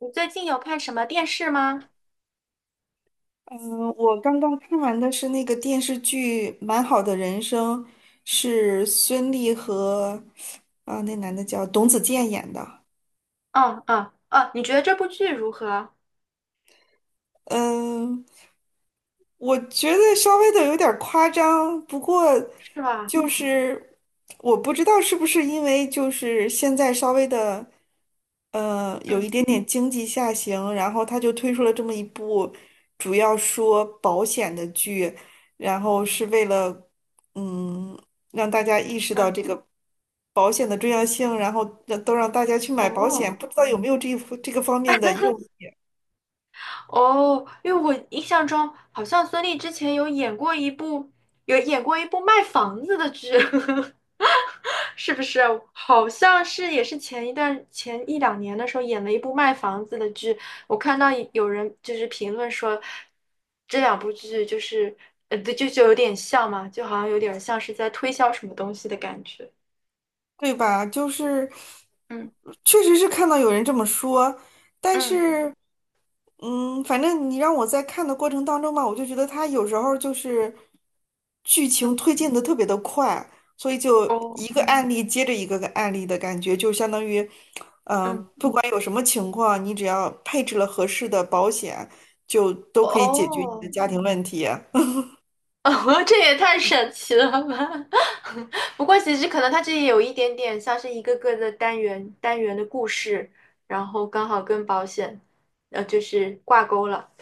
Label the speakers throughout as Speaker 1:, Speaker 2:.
Speaker 1: 你最近有看什么电视吗？
Speaker 2: 嗯，我刚刚看完的是那个电视剧《蛮好的人生》，是孙俪和那男的叫董子健演的。
Speaker 1: 嗯嗯嗯，你觉得这部剧如何？
Speaker 2: 嗯，我觉得稍微的有点儿夸张，不过
Speaker 1: 是吧？
Speaker 2: 就是我不知道是不是因为就是现在稍微的，有
Speaker 1: 嗯
Speaker 2: 一点点经济下行，然后他就推出了这么一部主要说保险的剧，然后是为了嗯让大家意识到
Speaker 1: 嗯，
Speaker 2: 这个保险的重要性，然后让都让大家去买保险，
Speaker 1: 哦
Speaker 2: 不知道有没有这个方面的用。
Speaker 1: 哦，因为我印象中好像孙俪之前有演过一部，有演过一部卖房子的剧，是不是？好像是也是前一两年的时候演了一部卖房子的剧。我看到有人就是评论说，这两部剧就是对，就有点像嘛，就好像有点像是在推销什么东西的感觉。
Speaker 2: 对吧？就是
Speaker 1: 嗯
Speaker 2: 确实是看到有人这么说，但
Speaker 1: 嗯
Speaker 2: 是反正你让我在看的过程当中吧，我就觉得他有时候就是剧
Speaker 1: 嗯，
Speaker 2: 情推进的特别的快，所以就
Speaker 1: 哦，
Speaker 2: 一个案例接着一个个案例的感觉，就相当于
Speaker 1: 嗯
Speaker 2: 不管有什么情况，你只要配置了合适的保险，就都可以解决你的
Speaker 1: 哦，
Speaker 2: 家庭问题。
Speaker 1: 哦，这也太神奇了吧！不过其实可能它这里有一点点像是一个个的单元的故事，然后刚好跟保险，就是挂钩了。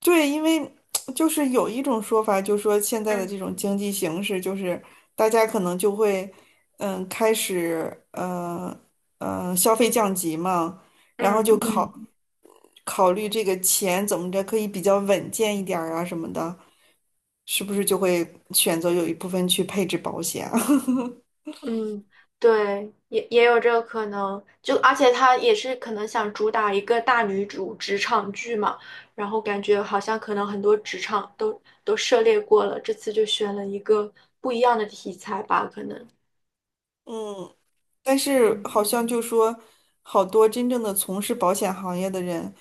Speaker 2: 对，因为就是有一种说法，就说现在的
Speaker 1: 嗯
Speaker 2: 这种经济形势，就是大家可能就会，开始，消费降级嘛，然后
Speaker 1: 嗯，
Speaker 2: 就
Speaker 1: 对。
Speaker 2: 考虑这个钱怎么着可以比较稳健一点儿啊什么的，是不是就会选择有一部分去配置保险啊
Speaker 1: 嗯，对，也有这个可能，就而且他也是可能想主打一个大女主职场剧嘛，然后感觉好像可能很多职场都涉猎过了，这次就选了一个不一样的题材吧，可能。
Speaker 2: 嗯。但是
Speaker 1: 嗯，
Speaker 2: 好像就说，好多真正的从事保险行业的人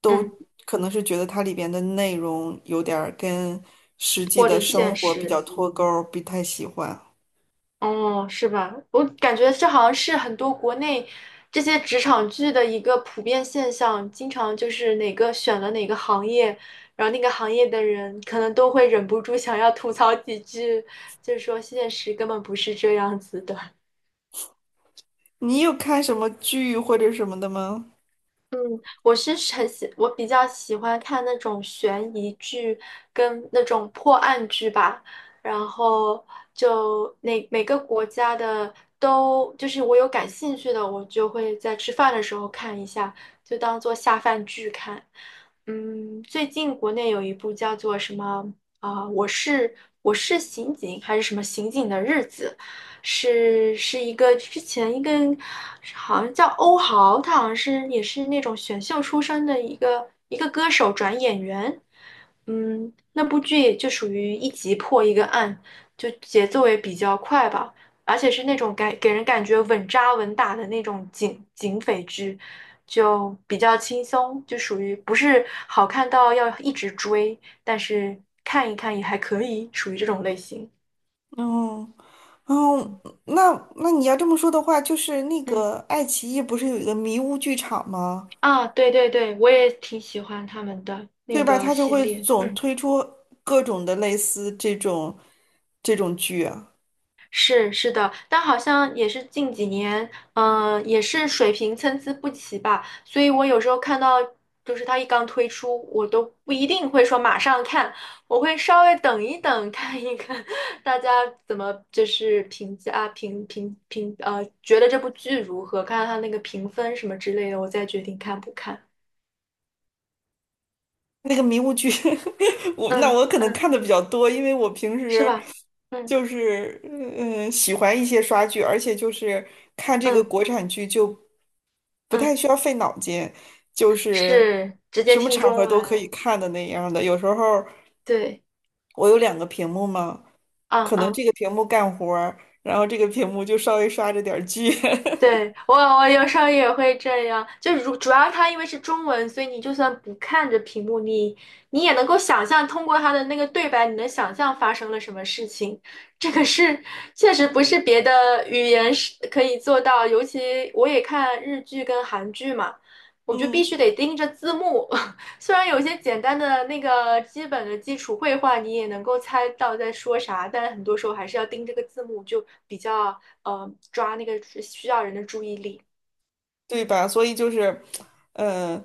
Speaker 2: 都
Speaker 1: 嗯，
Speaker 2: 可能是觉得它里边的内容有点儿跟实际
Speaker 1: 脱
Speaker 2: 的
Speaker 1: 离
Speaker 2: 生
Speaker 1: 现
Speaker 2: 活比
Speaker 1: 实。
Speaker 2: 较脱钩儿，不太喜欢。
Speaker 1: 哦，是吧？我感觉这好像是很多国内这些职场剧的一个普遍现象，经常就是哪个选了哪个行业，然后那个行业的人可能都会忍不住想要吐槽几句，就是说现实根本不是这样子的。
Speaker 2: 你有看什么剧或者什么的吗？
Speaker 1: 嗯，我比较喜欢看那种悬疑剧跟那种破案剧吧。然后就那每个国家的都，就是我有感兴趣的，我就会在吃饭的时候看一下，就当做下饭剧看。嗯，最近国内有一部叫做什么啊、我是刑警还是什么刑警的日子。是一个之前一个好像叫欧豪，他好像是也是那种选秀出身的一个歌手转演员。嗯，那部剧也就属于一集破一个案，就节奏也比较快吧，而且是那种给人感觉稳扎稳打的那种警匪剧，就比较轻松，就属于不是好看到要一直追，但是看一看也还可以，属于这种类型。
Speaker 2: 嗯哦，
Speaker 1: 嗯
Speaker 2: 那那你要这么说的话，就是那
Speaker 1: 嗯。
Speaker 2: 个爱奇艺不是有一个迷雾剧场吗？
Speaker 1: 啊，对对对，我也挺喜欢他们的那
Speaker 2: 对吧？
Speaker 1: 个
Speaker 2: 它就
Speaker 1: 系
Speaker 2: 会
Speaker 1: 列。
Speaker 2: 总
Speaker 1: 嗯，
Speaker 2: 推出各种的类似这种剧啊。
Speaker 1: 是的，但好像也是近几年，也是水平参差不齐吧，所以我有时候看到，就是他一刚推出，我都不一定会说马上看，我会稍微等一等，看一看 大家怎么就是评价啊评评评，觉得这部剧如何，看看他那个评分什么之类的，我再决定看不看。
Speaker 2: 那个迷雾剧，我那
Speaker 1: 嗯
Speaker 2: 我可能
Speaker 1: 嗯，
Speaker 2: 看的比较多，因为我平
Speaker 1: 是
Speaker 2: 时
Speaker 1: 吧？嗯
Speaker 2: 就是喜欢一些刷剧，而且就是看这个
Speaker 1: 嗯
Speaker 2: 国产剧就不
Speaker 1: 嗯。
Speaker 2: 太需要费脑筋，就是
Speaker 1: 是直接
Speaker 2: 什么
Speaker 1: 听
Speaker 2: 场
Speaker 1: 中
Speaker 2: 合都可以
Speaker 1: 文，
Speaker 2: 看的那样的。有时候
Speaker 1: 对，
Speaker 2: 我有两个屏幕嘛，
Speaker 1: 嗯
Speaker 2: 可能
Speaker 1: 嗯，
Speaker 2: 这个屏幕干活儿，然后这个屏幕就稍微刷着点儿剧，
Speaker 1: 对，我有时候也会这样，就如主要它因为是中文，所以你就算不看着屏幕，你也能够想象通过它的那个对白，你能想象发生了什么事情。这个是确实不是别的语言是可以做到。尤其我也看日剧跟韩剧嘛，我就必
Speaker 2: 嗯，
Speaker 1: 须得盯着字幕。虽然有些简单的那个基本的基础绘画你也能够猜到在说啥，但很多时候还是要盯这个字幕，就比较抓那个需要人的注意力。
Speaker 2: 对吧？所以就是，嗯、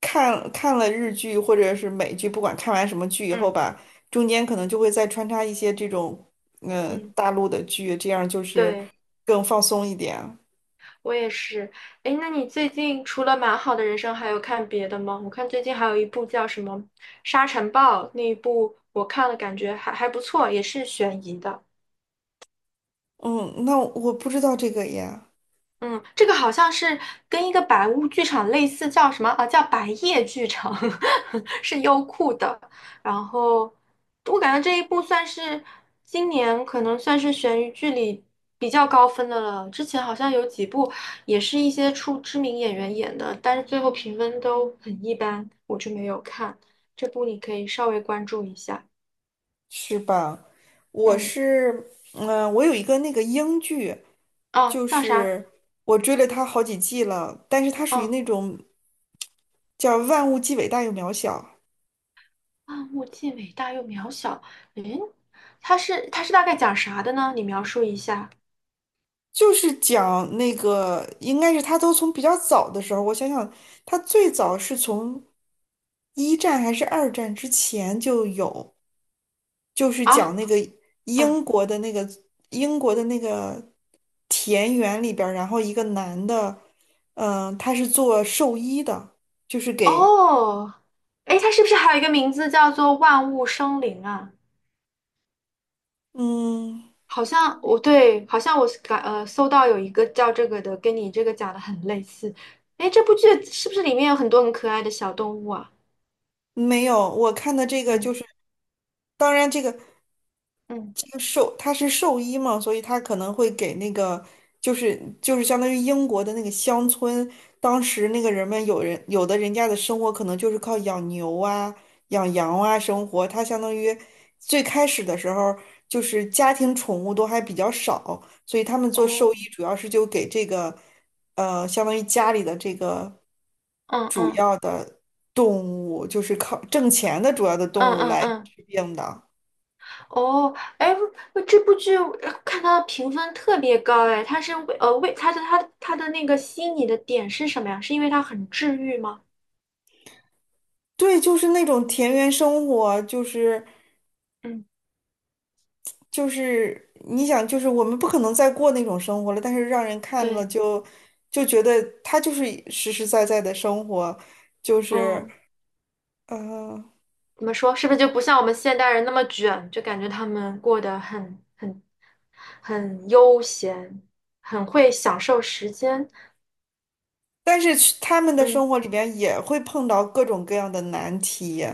Speaker 2: 看了日剧或者是美剧，不管看完什么剧以后
Speaker 1: 嗯
Speaker 2: 吧，中间可能就会再穿插一些这种
Speaker 1: 嗯，
Speaker 2: 大陆的剧，这样就是
Speaker 1: 对，
Speaker 2: 更放松一点。
Speaker 1: 我也是。哎，那你最近除了《蛮好的人生》，还有看别的吗？我看最近还有一部叫什么《沙尘暴》那一部，我看了感觉还不错，也是悬疑的。
Speaker 2: 嗯，那我不知道这个呀，
Speaker 1: 嗯，这个好像是跟一个白物剧场类似，叫什么啊？叫白夜剧场，是优酷的。然后我感觉这一部算是今年可能算是悬疑剧里比较高分的了。之前好像有几部也是一些出知名演员演的，但是最后评分都很一般，我就没有看。这部你可以稍微关注一下。
Speaker 2: 是吧？我
Speaker 1: 嗯，
Speaker 2: 是嗯、呃我有一个那个英剧，
Speaker 1: 哦，
Speaker 2: 就
Speaker 1: 叫啥？
Speaker 2: 是我追了它好几季了，但是它属于
Speaker 1: 嗯。
Speaker 2: 那种叫万物既伟大又渺小。
Speaker 1: 万物既伟大又渺小。诶，它是大概讲啥的呢？你描述一下
Speaker 2: 就是讲那个，应该是他都从比较早的时候，我想想，他最早是从一战还是二战之前就有，就是
Speaker 1: 啊。
Speaker 2: 讲那个
Speaker 1: 嗯，
Speaker 2: 英国的那个英国的那个田园里边儿然后一个男的，他是做兽医的，就是给，
Speaker 1: 哦，诶，它是不是还有一个名字叫做万物生灵啊？
Speaker 2: 嗯，
Speaker 1: 好像我对，好像我是感呃搜到有一个叫这个的，跟你这个讲的很类似。诶，这部剧是不是里面有很多很可爱的小动物啊？
Speaker 2: 没有，我看的这个就
Speaker 1: 嗯
Speaker 2: 是，当然这个。
Speaker 1: 嗯，
Speaker 2: 他是兽医嘛，所以他可能会给那个，就是就是相当于英国的那个乡村，当时那个人们有人有的人家的生活可能就是靠养牛啊、养羊啊生活，他相当于最开始的时候就是家庭宠物都还比较少，所以他们做兽医
Speaker 1: 哦，
Speaker 2: 主要是就给这个，相当于家里的这个
Speaker 1: 嗯嗯
Speaker 2: 动物，就是靠挣钱的主要的动
Speaker 1: 嗯
Speaker 2: 物
Speaker 1: 嗯
Speaker 2: 来
Speaker 1: 嗯。
Speaker 2: 治病的。
Speaker 1: 哦，哎，这部剧看它的评分特别高。哎，它是为它的那个吸引你的点是什么呀？是因为它很治愈吗？
Speaker 2: 对，就是那种田园生活，就是
Speaker 1: 嗯，
Speaker 2: 就是你想，就是我们不可能再过那种生活了，但是让人看了
Speaker 1: 对，
Speaker 2: 就觉得他就是实实在在的生活，就是
Speaker 1: 嗯，
Speaker 2: 呃，
Speaker 1: 怎么说？是不是就不像我们现代人那么卷，就感觉他们过得很悠闲，很会享受时间？
Speaker 2: 但是去他们的
Speaker 1: 嗯
Speaker 2: 生活里边也会碰到各种各样的难题，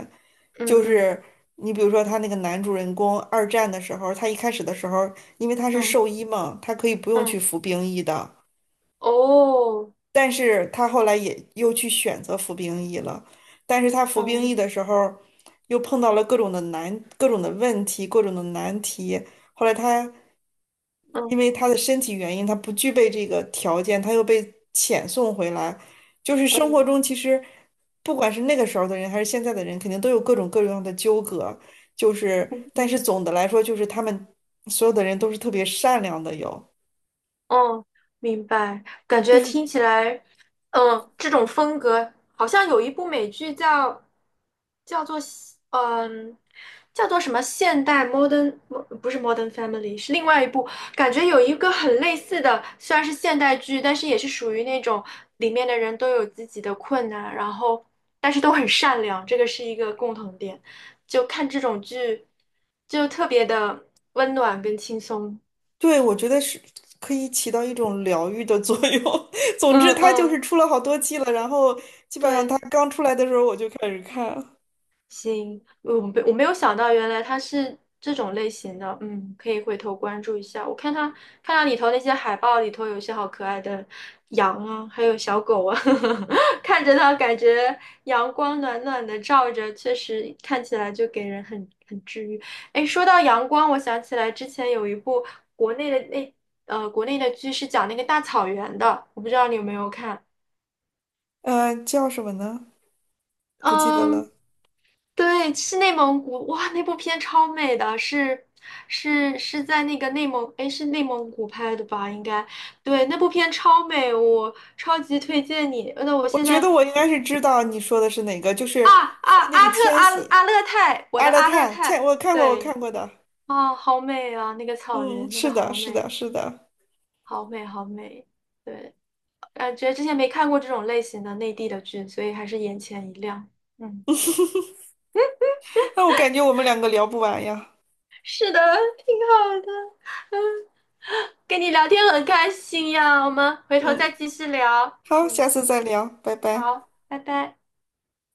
Speaker 1: 嗯
Speaker 2: 就
Speaker 1: 嗯
Speaker 2: 是你比如说他那个男主人公二战的时候，他一开始的时候，因为他是
Speaker 1: 嗯
Speaker 2: 兽医嘛，他可以不用去
Speaker 1: 嗯，
Speaker 2: 服兵役的，
Speaker 1: 哦，
Speaker 2: 但是他后来也又去选择服兵役了，但是他服兵役的时候，又碰到了各种的问题、各种的难题。后来他因
Speaker 1: 嗯
Speaker 2: 为他的身体原因，他不具备这个条件，他又被遣送回来。就是
Speaker 1: 嗯
Speaker 2: 生活
Speaker 1: 嗯
Speaker 2: 中其实，不管是那个时候的人还是现在的人，肯定都有各种各样的纠葛。就是，
Speaker 1: 嗯嗯
Speaker 2: 但是
Speaker 1: 嗯。
Speaker 2: 总的来说，就是他们所有的人都是特别善良的，有。
Speaker 1: 哦，明白。感
Speaker 2: 就
Speaker 1: 觉
Speaker 2: 是。
Speaker 1: 听起来，这种风格好像有一部美剧叫叫做嗯叫做什么现代 modern， 不是 Modern Family，是另外一部。感觉有一个很类似的，虽然是现代剧，但是也是属于那种里面的人都有自己的困难，然后但是都很善良，这个是一个共同点。就看这种剧，就特别的温暖跟轻松。
Speaker 2: 对，我觉得是可以起到一种疗愈的作用。总
Speaker 1: 嗯
Speaker 2: 之，它就
Speaker 1: 嗯，
Speaker 2: 是出了好多季了，然后基本上它
Speaker 1: 对。
Speaker 2: 刚出来的时候我就开始看，
Speaker 1: 行，我没有想到，原来它是这种类型的，可以回头关注一下。我看它看到里头那些海报里头有一些好可爱的羊啊，还有小狗啊，看着它感觉阳光暖暖的照着，确实看起来就给人很治愈。哎，说到阳光，我想起来之前有一部国内的那国内的剧是讲那个大草原的，我不知道你有没有看。
Speaker 2: 嗯，叫什么呢？不记得了。
Speaker 1: 嗯，对，是内蒙古，哇，那部片超美的，是在那个内蒙，哎，是内蒙古拍的吧？应该，对，那部片超美，我超级推荐你。那我
Speaker 2: 我
Speaker 1: 现
Speaker 2: 觉得
Speaker 1: 在
Speaker 2: 我应该是知道你说的是哪个，就是
Speaker 1: 啊啊，
Speaker 2: 说那个
Speaker 1: 阿特
Speaker 2: 千
Speaker 1: 阿
Speaker 2: 玺、
Speaker 1: 阿勒泰，我
Speaker 2: 阿
Speaker 1: 的
Speaker 2: 勒
Speaker 1: 阿勒
Speaker 2: 泰、千，
Speaker 1: 泰，
Speaker 2: 我看过，我
Speaker 1: 对。
Speaker 2: 看过的。
Speaker 1: 啊，好美啊，那个草
Speaker 2: 嗯，
Speaker 1: 原，那个
Speaker 2: 是的，
Speaker 1: 好
Speaker 2: 是的，
Speaker 1: 美，
Speaker 2: 是的。
Speaker 1: 好美，好美。对，感觉之前没看过这种类型的内地的剧，所以还是眼前一亮。嗯。
Speaker 2: 那我感觉我们两个聊不完呀。
Speaker 1: 是的，挺好的。嗯，跟你聊天很开心呀，我们回头再
Speaker 2: 嗯，
Speaker 1: 继续聊。
Speaker 2: 好，
Speaker 1: 嗯，
Speaker 2: 下次再聊，拜拜。
Speaker 1: 好，拜拜。